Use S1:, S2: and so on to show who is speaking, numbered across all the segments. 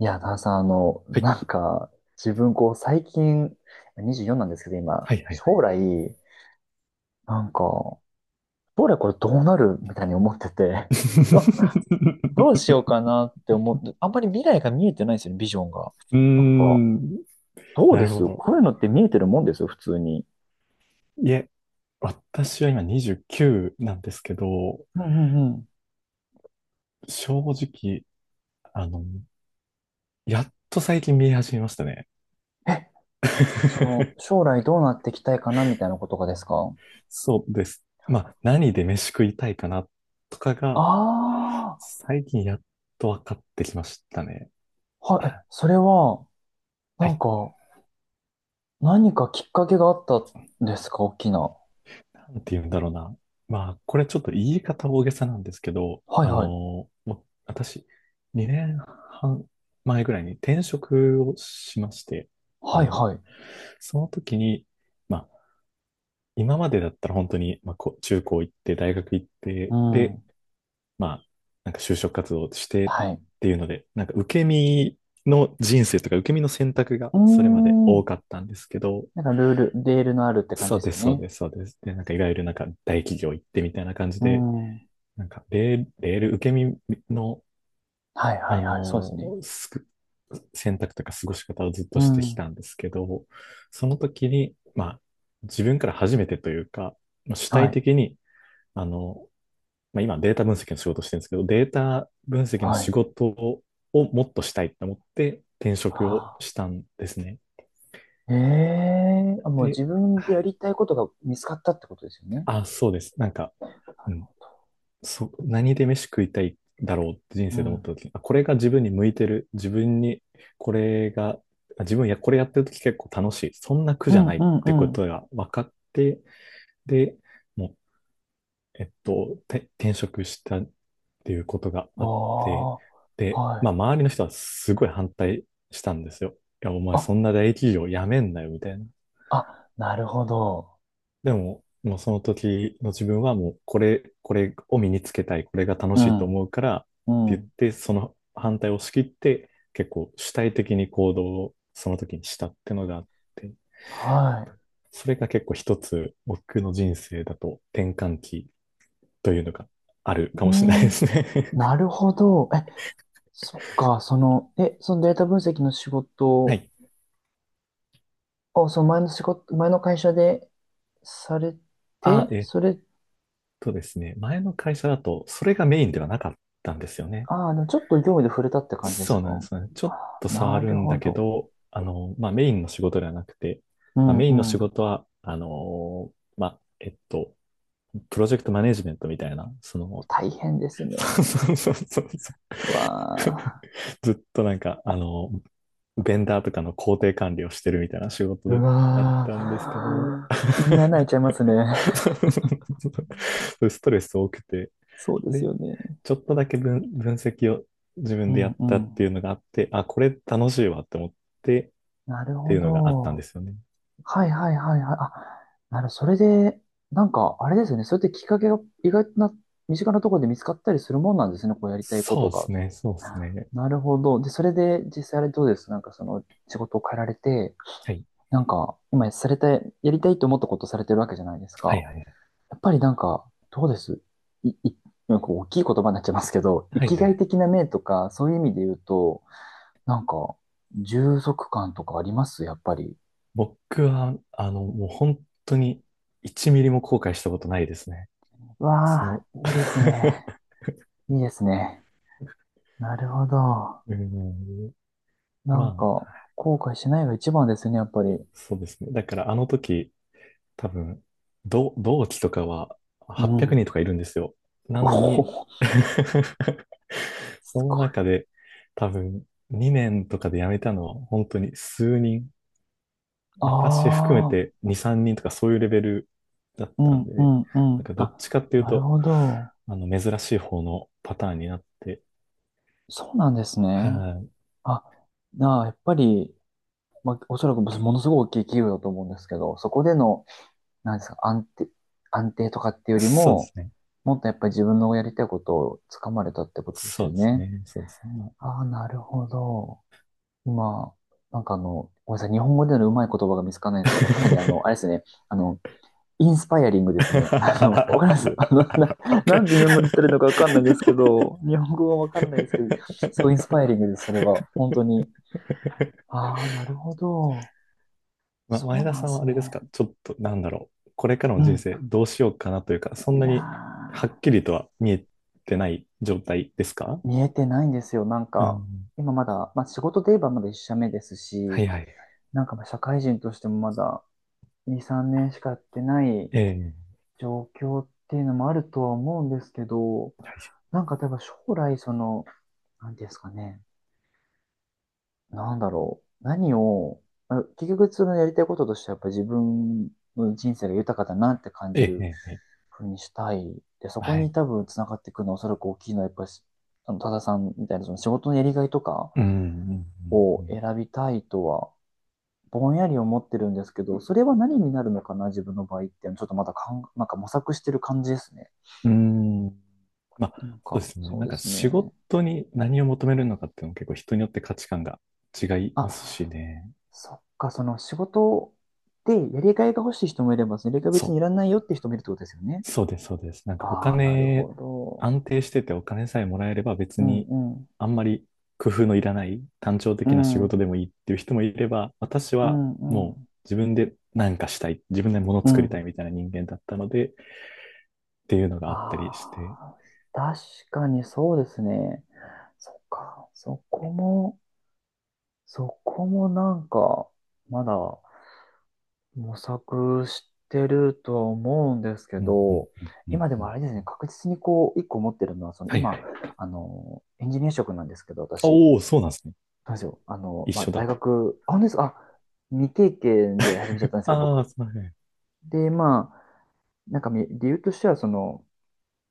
S1: いや、田中さん、
S2: はい。
S1: なんか、自分、最近、24なんですけど、今、
S2: はい、はい、は
S1: 将
S2: い。
S1: 来、なんか、将来これどうなるみたいに思ってて、どうしよう かなって思って、あんまり未来が見えてないんですよね、ビジョンが。
S2: うー
S1: なんか、
S2: ん。
S1: どう
S2: な
S1: で
S2: るほ
S1: す？
S2: ど。
S1: こういうのって見えてるもんですよ、普通に。
S2: いえ、私は今29なんですけど、
S1: うんうんうん。
S2: 正直、あの、やっと最近見え始めましたね。
S1: え将来どうなっていきたいかなみたいなことがですか？
S2: そうです。まあ、何で飯食いたいかなとかが、
S1: ああ
S2: 最近やっと分かってきましたね。
S1: ー、はい、
S2: は
S1: それは、な
S2: い。
S1: んか、何かきっかけがあったんですか、大きな？
S2: なんて言うんだろうな。まあ、これちょっと言い方大げさなんですけど、
S1: はいはい。
S2: 私、2年半前ぐらいに転職をしまして、あ
S1: はい
S2: の、
S1: はい。
S2: その時に、まあ、今までだったら本当に、まあ、中高行って、大学行っ
S1: う
S2: て、で、
S1: ん。
S2: まあ、なんか就職活動してっ
S1: はい。
S2: ていうので、なんか受け身の人生とか受け身の選択が
S1: うー
S2: それまで多
S1: ん。
S2: かったんですけど、
S1: なんかルール、レールのあるって感
S2: そ
S1: じで
S2: う
S1: す
S2: で
S1: よ
S2: す、そう
S1: ね。
S2: です、そうです。で、なんかいわゆるなんか大企業行ってみたいな感じ
S1: う
S2: で、
S1: ん。は
S2: なんか、レール受け身の、
S1: いはい
S2: あ
S1: はい。そうです
S2: の
S1: ね。
S2: ーすく、選択とか過ごし方をずっ
S1: う
S2: としてき
S1: ん。
S2: たんですけど、その時に、まあ、自分から初めてというか、まあ主
S1: は
S2: 体
S1: い。
S2: 的に、あの、まあ、今データ分析の仕事をしてるんですけど、データ分析の
S1: は
S2: 仕
S1: い。
S2: 事をもっとしたいと思って転職を
S1: あ
S2: したんですね。
S1: ー、もう
S2: で、
S1: 自分で
S2: は
S1: や
S2: い。
S1: りたいことが見つかったってことですよね。
S2: あ、そうです。なんか、
S1: な
S2: う
S1: る
S2: ん。
S1: ほど。
S2: 何で飯食いたいだろうって人
S1: う
S2: 生で思った
S1: ん。
S2: 時に、あ、これが自分に向いてる。自分に、これが、あ自分や、これやってる時結構楽しい。そんな苦
S1: う
S2: じゃな
S1: ん
S2: いっ
S1: うんう
S2: てこ
S1: ん。
S2: とが分かって、で、もう、転職したっていうことがあ
S1: あ
S2: って、
S1: あ、
S2: で、
S1: は
S2: ま
S1: い。
S2: あ、周りの人はすごい反対したんですよ。いや、お前
S1: あ、
S2: そんな大企業辞めんなよ、みたいな。
S1: あ、なるほど。
S2: でも、もうその時の自分はもうこれを身につけたい、これが楽
S1: う
S2: しいと
S1: ん。
S2: 思うからっ
S1: う
S2: て言っ
S1: ん。
S2: て、その反対を押し切って結構主体的に行動をその時にしたってのがあって、
S1: は
S2: それが結構一つ僕の人生だと転換期というのがある
S1: い。
S2: か
S1: う
S2: もしれないで
S1: ん。
S2: すね。
S1: なるほど。そっか、そのデータ分析の仕
S2: は
S1: 事。
S2: い。
S1: あ、そう、前の会社でされ
S2: あ、
S1: て、
S2: えっ
S1: それ、
S2: とですね、前の会社だとそれがメインではなかったんですよね。
S1: ああ、でもちょっと業務で触れたって感じです
S2: そう
S1: か？
S2: なんですね。ちょっと触
S1: な
S2: る
S1: る
S2: ん
S1: ほ
S2: だけ
S1: ど。
S2: ど、まあ、メインの仕事ではなくて、
S1: う
S2: まあ、
S1: ん
S2: メイ
S1: う
S2: ンの仕
S1: ん。
S2: 事は、まあ、プロジェクトマネジメントみたいな、
S1: 大変です ね。
S2: そうそうそうそう、
S1: うわあ。
S2: ずっとなんか、ベンダーとかの工程管理をしてるみたいな仕
S1: う
S2: 事だっ
S1: わ
S2: たんですけど、
S1: あ。胃に穴開い ちゃいますね。
S2: そうそうそうそう、ストレス多くて、
S1: そうです
S2: で、
S1: よね。
S2: ちょっとだけ分析を自
S1: う
S2: 分でや
S1: ん
S2: っ
S1: う
S2: たって
S1: ん。
S2: いうのがあって、あ、これ楽しいわって思って
S1: なる
S2: って
S1: ほ
S2: いうのがあったんで
S1: ど。
S2: すよね。
S1: はいはいはいはい。あ、なるほど、それで、なんか、あれですよね。それってきっかけが意外な、身近なところで見つかったりするもんなんですね。こうやりたいこ
S2: そ
S1: と
S2: うで
S1: が。
S2: すね、そうですね。
S1: なるほど。で、それで実際あれどうです？なんかその仕事を変えられて、
S2: はい。
S1: なんか今されたやりたいと思ったことされてるわけじゃないです
S2: はい
S1: か。
S2: はいはい。
S1: やっぱりなんか、どうです？い、い、なんか大きい言葉になっちゃいますけど、生
S2: はい
S1: き
S2: は
S1: がい
S2: い。
S1: 的な面とか、そういう意味で言うと、なんか、充足感とかありますやっぱり？
S2: 僕は、もう本当に1ミリも後悔したことないですね。そ
S1: わあ、
S2: の。
S1: いいですね。いいですね。なるほど。
S2: うん、
S1: な
S2: ま
S1: んか、
S2: あ、
S1: 後悔しないが一番ですね、やっぱり。
S2: そうですね。だからあの時、多分、同期とかは
S1: う
S2: 800人
S1: ん。
S2: とかいるんですよ。な
S1: お
S2: のに。
S1: お、
S2: そ
S1: す
S2: の
S1: ご
S2: 中
S1: い。
S2: で多分2年とかで辞めたのは本当に数人、
S1: あ
S2: 私含めて
S1: あ、
S2: 2、3人とかそういうレベルだっ
S1: う
S2: たん
S1: ん、う
S2: で、
S1: ん、う
S2: なん
S1: ん。
S2: かど
S1: あ、
S2: っちかっていう
S1: なる
S2: と、
S1: ほど。
S2: 珍しい方のパターンになって、
S1: そうなんです
S2: は
S1: ね。
S2: い、
S1: あ、やっぱり、まあ、おそらくものすごい大きい企業だと思うんですけど、そこでの、なんですか、安定とかっていうより
S2: そうです
S1: も、
S2: ね。
S1: もっとやっぱり自分のやりたいことをつかまれたってことです
S2: そ
S1: よ
S2: うです
S1: ね。
S2: ね。そうですね。まあ。
S1: ああ、なるほど。今、なんかごめんなさい、日本語でのうまい言葉が見つからないんですけど、かなりあれですね、あの、インスパイアリングですね。わかります。
S2: わか
S1: な
S2: る。
S1: んで日本語で言ってるのかわかんないんですけど、日本語はわからないですけど、すごいインスパイアリングです、それは。本当に。ああ、なるほど。そ
S2: 前
S1: う
S2: 田
S1: なんで
S2: さんは
S1: す
S2: あれです
S1: ね。
S2: かちょっと、なんだろう。これから
S1: う
S2: の人
S1: ん。
S2: 生どうしようかなというか、そん
S1: い
S2: なに
S1: や
S2: はっきりとは見えてない状態ですか？
S1: ー、見えてないんですよ。なん
S2: う
S1: か、
S2: ん。
S1: 今まだ、まあ仕事で言えばまだ一社目です
S2: は
S1: し、
S2: いはいはい。
S1: なんかまあ社会人としてもまだ2、3年しかやってない
S2: ええ、
S1: 状況っていうのもあるとは思うんですけど、
S2: はい、
S1: なんか例えば将来その、なんていうんですかね、なんだろう、何を、あ結局そのやりたいこととしてはやっぱ自分の人生が豊かだなって感
S2: え
S1: じ
S2: え、え
S1: る
S2: え、ええ、
S1: ふうにしたい。で、そこ
S2: はい。
S1: に多分つながってくるのはおそらく大きいのはやっぱり、多田さんみたいなその仕事のやりがいとか
S2: うん、う
S1: を
S2: ん、
S1: 選びたいとは、ぼんやり思ってるんですけど、それは何になるのかな、自分の場合っていうのはちょっとまだかん、なんか模索してる感じですね。
S2: うん。うん。まあ、
S1: なん
S2: そうで
S1: か、
S2: すね。
S1: そう
S2: なん
S1: で
S2: か
S1: す
S2: 仕
S1: ね。
S2: 事に何を求めるのかっていうのも結構人によって価値観が違いますし
S1: あ、
S2: ね。
S1: そっか、その仕事でやりがいが欲しい人もいれば、やりがい
S2: そ
S1: 別にいら
S2: う。
S1: ないよって人もいるってことですよね。
S2: そうです、そうです。なんかお
S1: ああ、なる
S2: 金、
S1: ほど。
S2: 安定しててお金さえもらえれば別
S1: うん
S2: に
S1: うん。
S2: あんまり工夫のいらない単調
S1: う
S2: 的な仕事
S1: ん。
S2: でもいいっていう人もいれば、私
S1: う
S2: は
S1: んう
S2: もう
S1: ん。
S2: 自分で何かしたい、自分で物
S1: う
S2: 作りた
S1: ん。
S2: いみたいな人間だったので、っていうのがあったりして。
S1: ああ、確かにそうですね。そっか。そこもなんか、まだ模索してるとは思うんですけ
S2: うんうん
S1: ど、
S2: うんうん
S1: 今で
S2: う
S1: も
S2: ん。
S1: あれですね、確実にこう、一個持ってるのは、その
S2: はいは
S1: 今、
S2: い。
S1: エンジニア職なんですけど、私、
S2: おお、そうなんですね。
S1: なんですよ、
S2: 一
S1: まあ、
S2: 緒
S1: 大
S2: だ。
S1: 学、あ、本当ですか？あ、未経験で始めちゃったんですよ、
S2: ああ、
S1: 僕。
S2: すいません。
S1: で、まあ、なんか理由としては、その、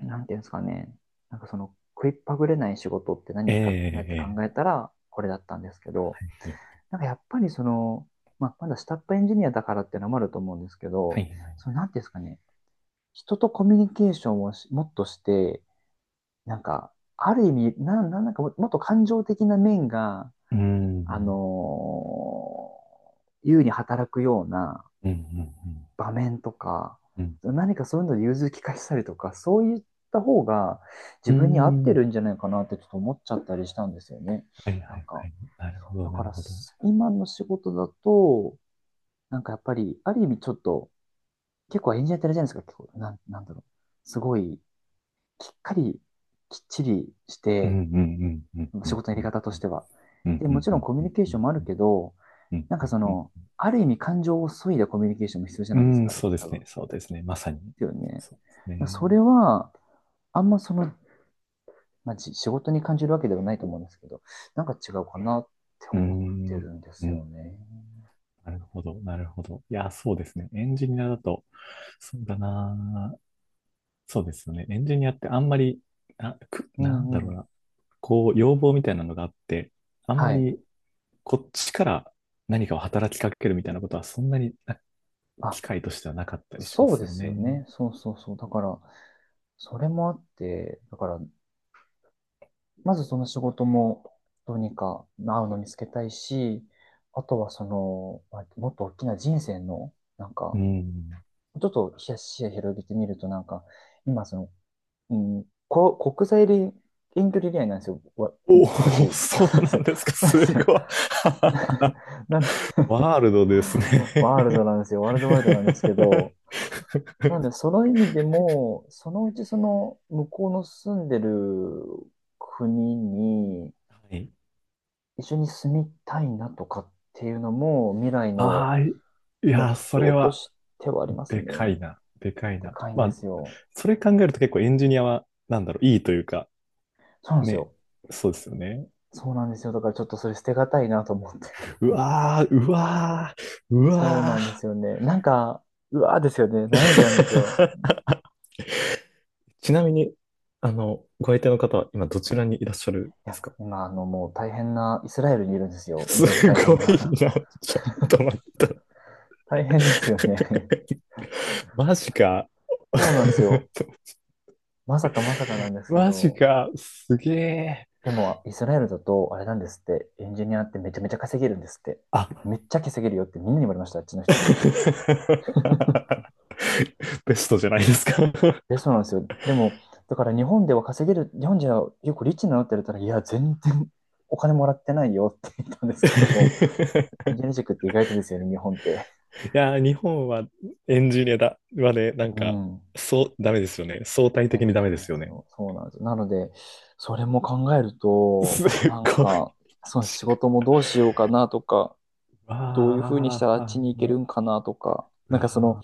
S1: なんていうんですかね、なんかその、食いっぱぐれない仕事って
S2: え
S1: 何かなって
S2: え
S1: 考
S2: え
S1: えた
S2: え
S1: ら、これだったんですけど、
S2: ええ、
S1: なんかやっぱりその、まあ、まだ下っ端エンジニアだからっていうのもあると思うんですけ
S2: は
S1: ど、
S2: いはいはい。
S1: その、なんていうんですかね、人とコミュニケーションをもっとして、なんか、ある意味、なんかももっと感情的な面が、
S2: うー
S1: あ
S2: ん。
S1: のー優に働くような
S2: うんうん
S1: 場面とか、
S2: うん
S1: 何かそういうので融通きかしたりとか、そういった方が自
S2: うん。
S1: 分に合って
S2: うーん。
S1: るんじゃないかなってちょっと思っちゃったりしたんですよね。
S2: はい
S1: な
S2: は
S1: ん
S2: い
S1: か、
S2: はい。なるほど、
S1: だ
S2: な
S1: か
S2: る
S1: ら
S2: ほど。
S1: 今の仕事だと、なんかやっぱり、ある意味ちょっと、結構エンジニアってあれじゃないですか、結構、なんだろう。すごいきっかり、きっちりし
S2: うんう
S1: て、
S2: んうんう
S1: 仕
S2: ん
S1: 事のや
S2: う
S1: り
S2: ん
S1: 方としては。
S2: うん
S1: で、
S2: う
S1: も
S2: ん
S1: ち
S2: う
S1: ろん
S2: ん
S1: コミュ
S2: う
S1: ニ
S2: ん
S1: ケー
S2: う
S1: シ
S2: ん
S1: ョンもある
S2: うん
S1: けど、
S2: うん
S1: なんかそ
S2: うん
S1: の、
S2: う
S1: ある意味感情を削いだコミュニケーションも必要じゃないです
S2: んうん、
S1: か、あれっ
S2: そう
S1: て
S2: で
S1: 多
S2: す
S1: 分。で
S2: ね。そうですね。まさに。
S1: すよね。
S2: そうですね。
S1: それは、あんまその、まあ、仕事に感じるわけではないと思うんですけど、なんか違うかなって
S2: うー
S1: 思って
S2: ん。
S1: るんで
S2: う
S1: すよ
S2: ん。
S1: ね。
S2: なるほど。なるほど。いや、そうですね。エンジニアだと、そうだな。そうですよね。エンジニアってあんまり、あ、
S1: う
S2: なんだ
S1: んう
S2: ろう
S1: ん。
S2: な。こう、要望みたいなのがあって、あんま
S1: はい。
S2: りこっちから何かを働きかけるみたいなことは、そんなに機
S1: あ、
S2: 会としてはなかったりしま
S1: そう
S2: す
S1: で
S2: よ
S1: す
S2: ね。
S1: よね。そうそうそう。だから、それもあって、だから、まずその仕事もどうにか合うの見つけたいし、あとはその、まあもっと大きな人生の、なん
S2: う
S1: か、
S2: ん。
S1: ちょっと視野広げてみると、なんか、今その、うん、国際遠距離恋愛なんですよ、
S2: おー
S1: 私。そ
S2: そ
S1: う
S2: う
S1: です
S2: な
S1: よ。
S2: んですか？
S1: そうで
S2: す
S1: すよ。
S2: ごい。
S1: なので、
S2: ワールドですね。
S1: ワールドワイドなんですけど、なんで、その意味でも、そのうちその向こうの住んでる国に、
S2: はい。
S1: 一緒に住みたいなとかっていうのも未来の
S2: ああ、い
S1: 目
S2: や、それ
S1: 標と
S2: は、
S1: してはあります
S2: で
S1: ね。
S2: かいな。でかい
S1: で
S2: な。
S1: かいん
S2: ま
S1: で
S2: あ、
S1: すよ。
S2: それ考えると結構エンジニアは、なんだろう、いいというか、
S1: そうなんです
S2: ね。
S1: よ。
S2: そうですよね。
S1: そうなんですよ。だからちょっとそれ捨てがたいなと思って。
S2: うわー、うわー、う
S1: そうな
S2: わ
S1: んですよね。なんか、うわーですよね。悩んじゃうんですよ。
S2: ー。ちなみに、ご相手の方は今どちらにいらっしゃるん
S1: い
S2: で
S1: や、
S2: すか？
S1: 今、もう大変な、イスラエルにいるんですよ。い
S2: す
S1: ろいろ大
S2: ご
S1: 変
S2: い
S1: な。
S2: な。ちょっと待って。
S1: 大変ですよね。
S2: マジか。
S1: そうなんですよ。まさかまさかなんですけ
S2: マジ
S1: ど、
S2: か。すげえ。
S1: でも、イスラエルだと、あれなんですって、エンジニアってめちゃめちゃ稼げるんですって。
S2: あ。
S1: めっちゃ稼げるよってみんなに言われました、あっちの人に。
S2: ベストじゃないですか？ い
S1: え、そうなんですよ。でも、だから日本では稼げる、日本人は結構リッチになのって言っれたら、いや、全然お金もらってないよって言ったんですけど、エンジニア塾って意外とですよね、日本って。
S2: やー、日本はエンジニアだはね、なん
S1: う
S2: か、
S1: ん。
S2: そう、ダメですよね。相対
S1: 全
S2: 的に
S1: 然
S2: ダ
S1: ダ
S2: メ
S1: メ
S2: で
S1: なん
S2: す
S1: で
S2: よ
S1: す
S2: ね。
S1: よ。そうなんですよ。なので、それも考える
S2: す
S1: と、
S2: っ
S1: なん
S2: ごい。
S1: か、
S2: マ
S1: その
S2: ジ
S1: 仕
S2: か。
S1: 事もどうしようかなとか、どういうふうにした
S2: わ
S1: らあっちに行ける
S2: ー、
S1: んかなとか、
S2: う
S1: なんかその、
S2: わ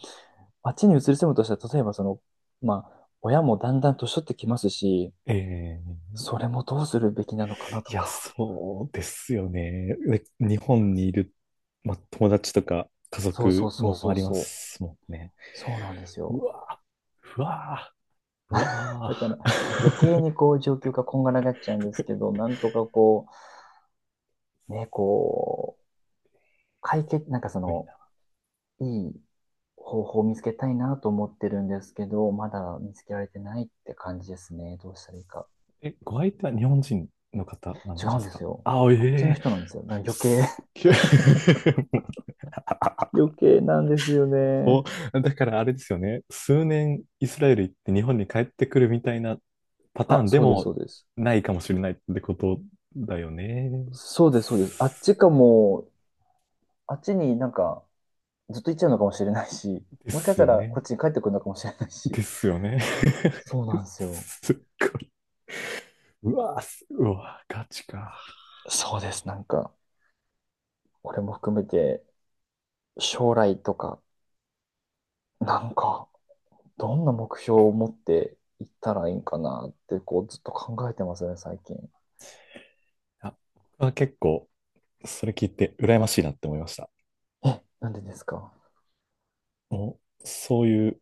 S1: あっちに移り住むとしたら、例えばその、まあ、親もだんだん年取ってきますし、
S2: ー。
S1: それもどうするべきなのかな
S2: い
S1: と
S2: や、
S1: か。
S2: そうですよね。で日本にいる、まあ、友達とか家
S1: そうそう
S2: 族
S1: そう
S2: も
S1: そ
S2: あ
S1: う
S2: りま
S1: そう。
S2: すもんね。
S1: そうなんです
S2: う
S1: よ。
S2: わー、うわー、うわ
S1: だから
S2: ー。
S1: 余
S2: す
S1: 計にこう状況がこんがらがっちゃうんですけど、なんとかこう、ね、こう、解決、なんかそ
S2: ごい
S1: の、
S2: な。
S1: いい方法を見つけたいなと思ってるんですけど、まだ見つけられてないって感じですね。どうしたらいいか。
S2: え、ご相手は日本人の方な
S1: 違
S2: ん
S1: う
S2: で
S1: ん
S2: す
S1: です
S2: か？
S1: よ。
S2: あ、
S1: あっちの
S2: ええ、
S1: 人なんですよ。だから余計。
S2: すっげえ。 あ
S1: 余計なんですよ
S2: こ
S1: ね。
S2: だからあれですよね。数年イスラエル行って日本に帰ってくるみたいなパター
S1: あ、
S2: ンで
S1: そうです、そ
S2: も
S1: うです。
S2: ないかもしれないってことだよね。
S1: そうです、そうです。あっちかも、あっちになんかずっと行っちゃうのかもしれないし、
S2: で
S1: もしかし
S2: す
S1: た
S2: よ
S1: らこっ
S2: ね。
S1: ちに帰ってくるのかもしれないし。
S2: ですよね。
S1: そうなんで すよ。
S2: すっごい。うわー、うわー、ガチか。
S1: そうです、なんか、俺も含めて将来とか、なんか、どんな目標を持っていったらいいんかなって、こう、ずっと考えてますね、最近。
S2: あ、僕は結構、それ聞いて羨ましいなって思いました。
S1: え、なんでですか？
S2: もう、そういう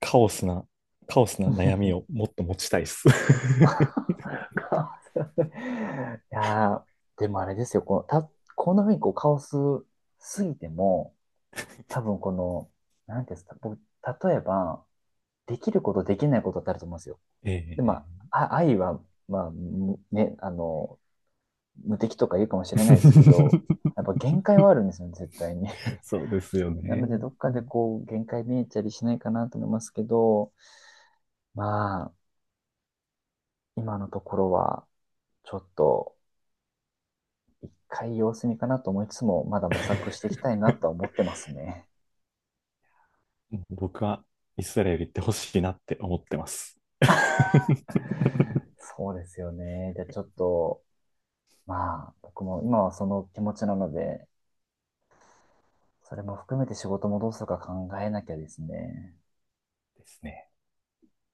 S2: カオスな、カオスな悩み を
S1: い
S2: もっと持ちたいっす。
S1: やーでもあれですよ、このた、こんな風にこうカオスすぎても、多分この、なんていうんですか、僕、例えば、できることできないことってあると思うんですよ。
S2: え
S1: で、ま
S2: え。
S1: あ、愛は、まあ、むね、あの、無敵とか言うかもしれないですけど、やっぱ 限界はあるんですよね、絶対に。
S2: そうですよ
S1: な
S2: ね。
S1: ので、どっかでこう、限界見えたりしないかなと思いますけど、まあ、今のところは、ちょっと、一回様子見かなと思いつつも、まだ模索していきたいなとは思ってますね。
S2: 僕はイスラエル行ってほしいなって思ってます。
S1: そうですよね。じゃあちょっと、まあ、僕も今はその気持ちなので、それも含めて仕事もどうするか考えなきゃですね。
S2: ですね。